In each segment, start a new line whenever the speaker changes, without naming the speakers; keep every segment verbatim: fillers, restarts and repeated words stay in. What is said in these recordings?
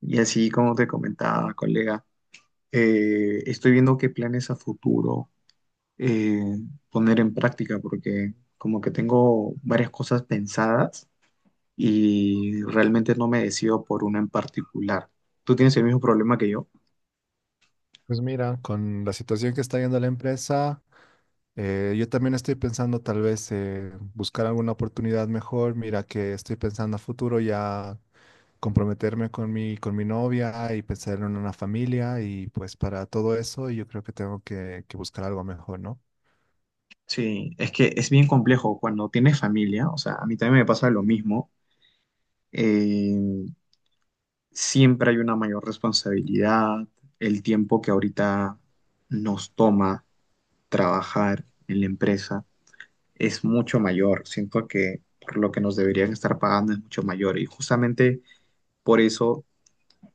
Y así como te comentaba, colega, eh, estoy viendo qué planes a futuro eh, poner en práctica, porque como que tengo varias cosas pensadas y realmente no me decido por una en particular. ¿Tú tienes el mismo problema que yo?
Pues mira, con la situación que está viendo la empresa, eh, yo también estoy pensando tal vez eh, buscar alguna oportunidad mejor. Mira que estoy pensando a futuro ya comprometerme con mi, con mi novia y pensar en una familia y pues para todo eso yo creo que tengo que, que buscar algo mejor, ¿no?
Sí, es que es bien complejo cuando tienes familia, o sea, a mí también me pasa lo mismo, eh, siempre hay una mayor responsabilidad, el tiempo que ahorita nos toma trabajar en la empresa es mucho mayor. Siento que por lo que nos deberían estar pagando es mucho mayor y justamente por eso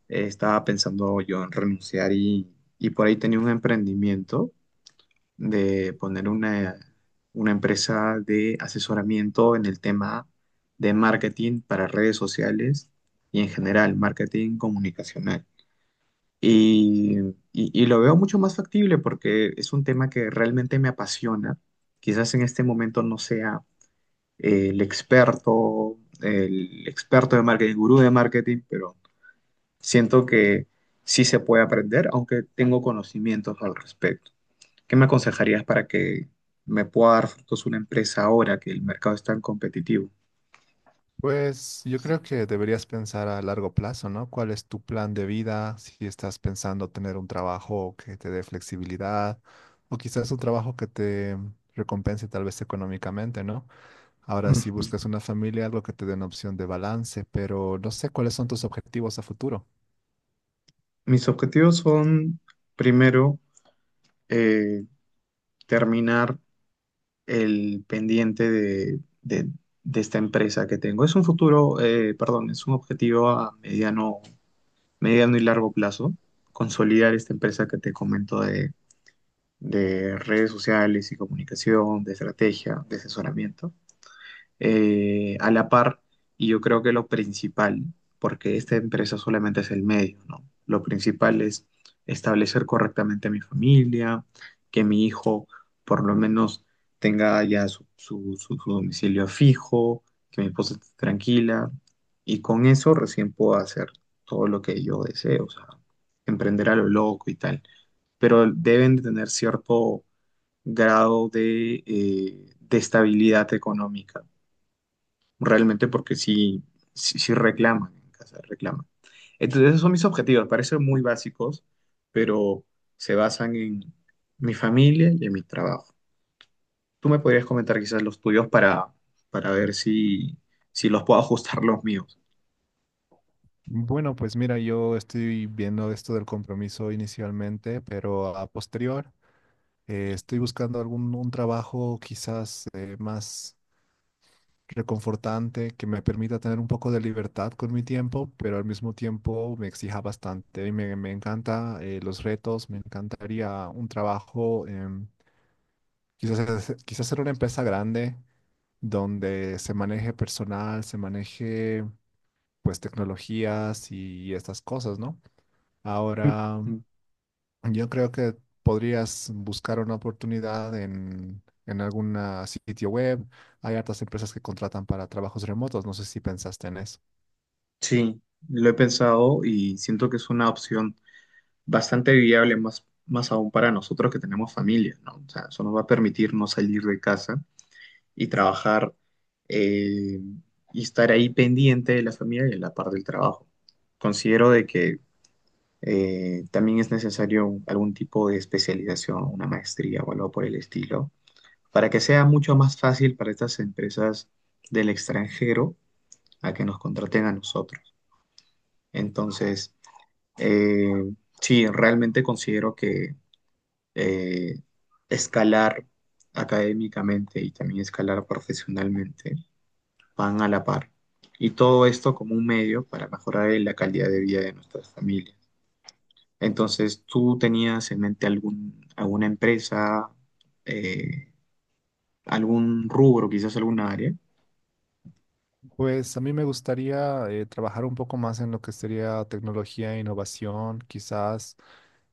eh, estaba pensando yo en renunciar y, y por ahí tenía un emprendimiento de poner una, una empresa de asesoramiento en el tema de marketing para redes sociales y en general marketing comunicacional. Y, y, y lo veo mucho más factible porque es un tema que realmente me apasiona. Quizás en este momento no sea el experto, el experto de marketing, el gurú de marketing, pero siento que sí se puede aprender, aunque tengo conocimientos al respecto. ¿Qué me aconsejarías para que me pueda dar frutos una empresa ahora que el mercado es tan competitivo?
Pues yo creo que deberías pensar a largo plazo, ¿no? ¿Cuál es tu plan de vida? Si estás pensando tener un trabajo que te dé flexibilidad o quizás un trabajo que te recompense tal vez económicamente, ¿no? Ahora, si
Mm.
buscas una familia, algo que te dé una opción de balance, pero no sé cuáles son tus objetivos a futuro.
Mis objetivos son, primero, eh, terminar el pendiente de, de- de esta empresa que tengo. Es un futuro, eh, perdón, es un objetivo a mediano mediano y largo plazo, consolidar esta empresa que te comento de, de redes sociales y comunicación, de estrategia, de asesoramiento eh, a la par y yo creo que lo principal, porque esta empresa solamente es el medio, ¿no? Lo principal es establecer correctamente a mi familia, que mi hijo por lo menos tenga ya su, su- su- su domicilio fijo, que mi esposa esté tranquila y con eso recién puedo hacer todo lo que yo deseo, o sea, emprender a lo loco y tal, pero deben de tener cierto grado de, eh, de estabilidad económica realmente porque sí, sí, sí reclaman en casa, reclaman. Entonces, esos son mis objetivos, parecen muy básicos, pero se basan en mi familia y en mi trabajo. Tú me podrías comentar quizás los tuyos para, para ver si, si los puedo ajustar los míos.
Bueno, pues mira, yo estoy viendo esto del compromiso inicialmente, pero a posterior eh, estoy buscando algún un trabajo quizás eh, más reconfortante, que me permita tener un poco de libertad con mi tiempo, pero al mismo tiempo me exija bastante. Y me, me encanta eh, los retos, me encantaría un trabajo, em, quizás, hacer- quizás ser una empresa grande donde se maneje personal, se maneje pues tecnologías y, estas cosas, ¿no? Ahora...
Mm.
Yo creo que podrías buscar una oportunidad en, en algún sitio web. Hay hartas empresas que contratan para trabajos remotos. No sé si pensaste en eso.
Sí, lo he pensado y siento que es una opción bastante viable, más, más aún para nosotros que tenemos familia, ¿no? O sea, eso nos va a permitir no salir de casa y trabajar eh, y estar ahí pendiente de la familia y de la parte del trabajo. Considero de que eh, también es necesario un- algún tipo de especialización, una maestría o algo por el estilo, para que sea mucho más fácil para estas empresas del extranjero a que nos contraten a nosotros. Entonces, eh, sí, realmente considero que eh, escalar académicamente y también escalar profesionalmente van a la par. Y todo esto como un medio para mejorar la calidad de vida de nuestras familias. Entonces, ¿tú tenías en mente algún, alguna empresa, eh, algún rubro, quizás alguna área?
Pues a mí me gustaría eh, trabajar un poco más en lo que sería tecnología e innovación. Quizás,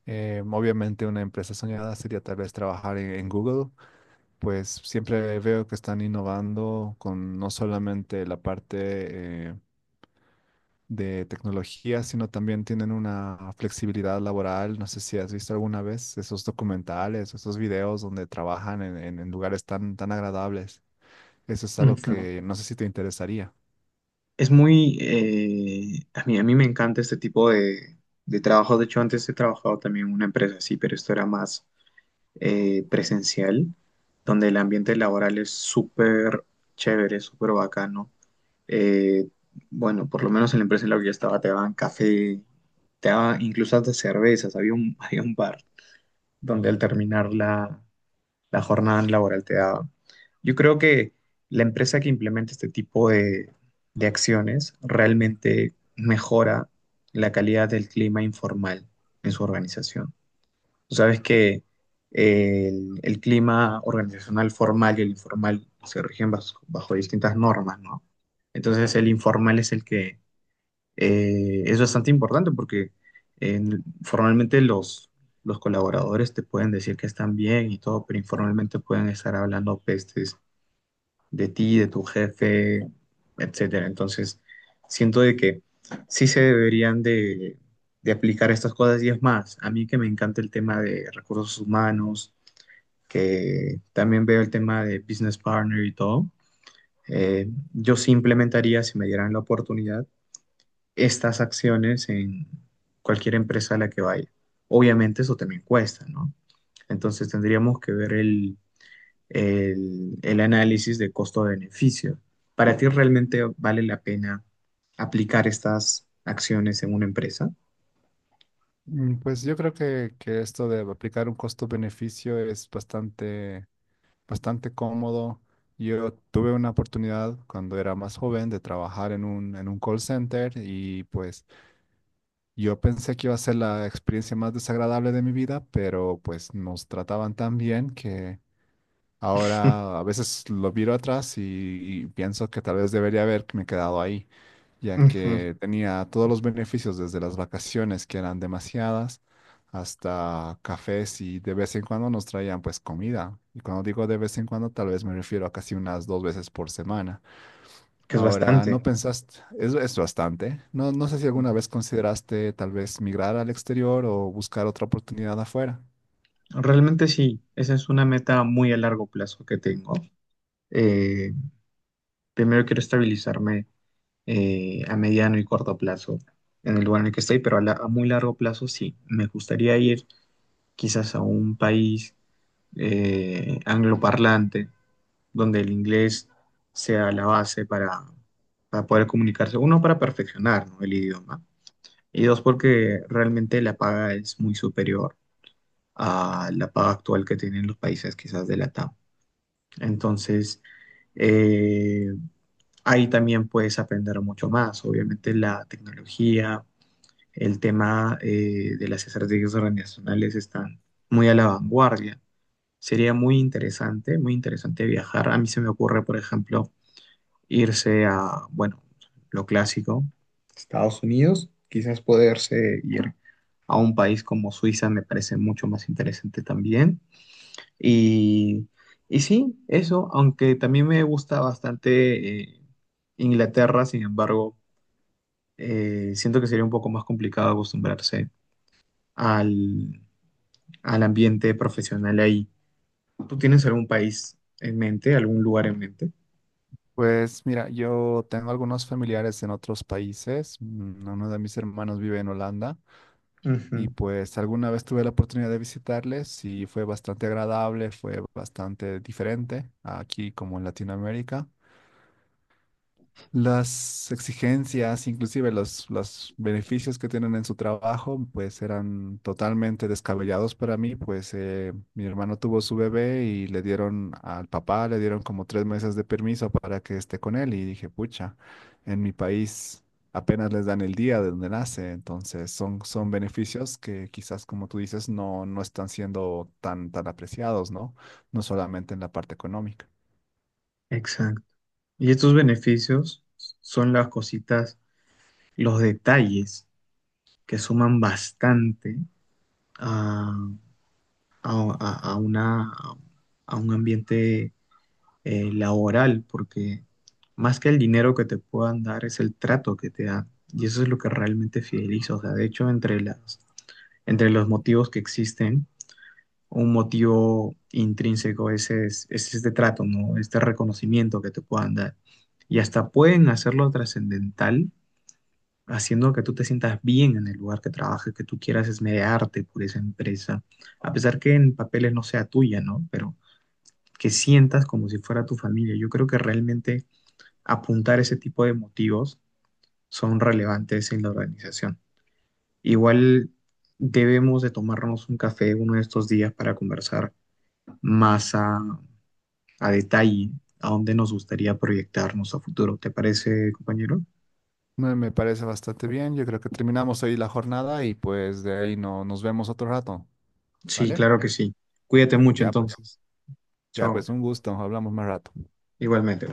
eh, obviamente, una empresa soñada sería tal vez trabajar en, en Google. Pues siempre veo que están innovando con no solamente la parte... eh, de tecnología, sino también tienen una flexibilidad laboral. No sé si has visto alguna vez esos documentales, esos videos donde trabajan en, en- en lugares tan, tan agradables. Eso es algo
Ujú.
que no sé si te interesaría.
Es muy, eh, a mí, a mí me encanta este tipo de, de trabajo. De hecho, antes he trabajado también en una empresa así, pero esto era más eh, presencial, donde el ambiente laboral es súper chévere, súper bacano. eh, bueno, por lo menos en la empresa en la que yo estaba te daban café, te daban incluso hasta cervezas, había un, había un bar donde al terminar la, la jornada laboral te daban. Yo creo que la empresa que implementa este tipo de, de acciones realmente mejora la calidad del clima informal en su organización. Tú sabes que eh, el, el clima organizacional formal y el informal se rigen bas- bajo, distintas normas, ¿no? Entonces el informal es el que eh, es bastante importante porque en- formalmente los, los colaboradores te pueden decir que están bien y todo, pero informalmente pueden estar hablando pestes de ti, de tu jefe, etcétera. Entonces, siento de que sí se deberían de, de aplicar estas cosas y es más, a mí que me encanta el tema de recursos humanos, que también veo el tema de business partner y todo, eh, yo sí implementaría, si me dieran la oportunidad, estas acciones en cualquier empresa a la que vaya. Obviamente eso también cuesta, ¿no? Entonces tendríamos que ver el, el, el análisis de costo-beneficio. ¿Para ti realmente vale la pena aplicar estas acciones en una empresa?
Mm, pues yo creo que, que esto de aplicar un costo-beneficio es bastante, bastante cómodo. Yo tuve una oportunidad cuando era más joven de trabajar en un, en un call center y pues yo pensé que iba a ser la experiencia más desagradable de mi vida, pero pues nos trataban tan bien que ahora a veces lo miro atrás y, y pienso que tal vez debería haberme quedado ahí, ya
Ujú.
que tenía todos los beneficios desde las vacaciones, que eran demasiadas, hasta cafés y de vez en cuando nos traían pues comida. Y cuando digo de vez en cuando, tal vez me refiero a casi unas dos veces por semana.
Que es
Ahora,
bastante.
¿no pensaste? Es, es bastante. No, no sé si
Ujú.
alguna vez consideraste tal vez migrar al exterior o buscar otra oportunidad afuera.
Realmente sí, esa es una meta muy a largo plazo que tengo. Eh, primero quiero estabilizarme eh, a mediano y corto plazo en el lugar en el que estoy, pero a, la- a muy largo plazo sí. Me gustaría ir quizás a un país eh, angloparlante donde el inglés sea la base para, para poder comunicarse. Uno, para perfeccionar, ¿no? El idioma. Y dos, porque realmente la paga es muy superior a la paga actual que tienen los países quizás de la T A M. Entonces, eh, ahí también puedes aprender mucho más. Obviamente la tecnología, el tema eh, de las estrategias organizacionales están muy a la vanguardia. Sería muy interesante, muy interesante viajar. A mí se me ocurre, por ejemplo, irse a, bueno, lo clásico, Estados Unidos, quizás poderse ir a un país como Suiza me parece mucho más interesante también. Y, y sí, eso, aunque también me gusta bastante eh, Inglaterra, sin embargo, eh, siento que sería un poco más complicado acostumbrarse al, al ambiente profesional ahí. ¿Tú tienes algún país en mente, algún lugar en mente?
Pues mira, yo tengo algunos familiares en otros países. Mm, uno de mis hermanos vive en Holanda y
Ujú.
pues alguna vez tuve la oportunidad de visitarles y fue bastante agradable, fue bastante diferente aquí como en Latinoamérica. Las exigencias, inclusive los, los beneficios que tienen en su trabajo, pues eran totalmente descabellados para mí, pues eh, mi hermano tuvo su bebé y le dieron al papá, le dieron como tres meses de permiso para que esté con él y dije, pucha, en mi país apenas les dan el día de donde nace, entonces son, son beneficios que quizás, como tú dices, no, no están siendo tan, tan apreciados, ¿no? No solamente en la parte económica.
Exacto. Y estos beneficios son las cositas, los detalles que suman bastante a, a- a- a una, a un ambiente eh, laboral, porque más que el dinero que te puedan dar es el trato que te dan. Y eso es lo que realmente fideliza. O sea, de hecho, entre las, entre los motivos que existen, un motivo intrínseco es, es, es este trato, ¿no? Este reconocimiento que te puedan dar. Y hasta pueden hacerlo trascendental haciendo que tú te sientas bien en el lugar que trabajes que tú quieras esmerarte por esa empresa, a pesar que en papeles no sea tuya, ¿no? Pero que sientas como si fuera tu familia. Yo creo que realmente apuntar ese tipo de motivos son relevantes en la organización. Igual debemos de tomarnos un café uno de estos días para conversar más a, a detalle a dónde nos gustaría proyectarnos a futuro. ¿Te parece, compañero?
Me, me parece bastante bien. Yo creo que terminamos ahí la jornada y pues de ahí no, nos vemos otro rato,
Sí,
¿vale?
claro que sí. Cuídate mucho
Ya pues,
entonces.
ya
Chao.
pues, un gusto. Hablamos más rato.
Igualmente.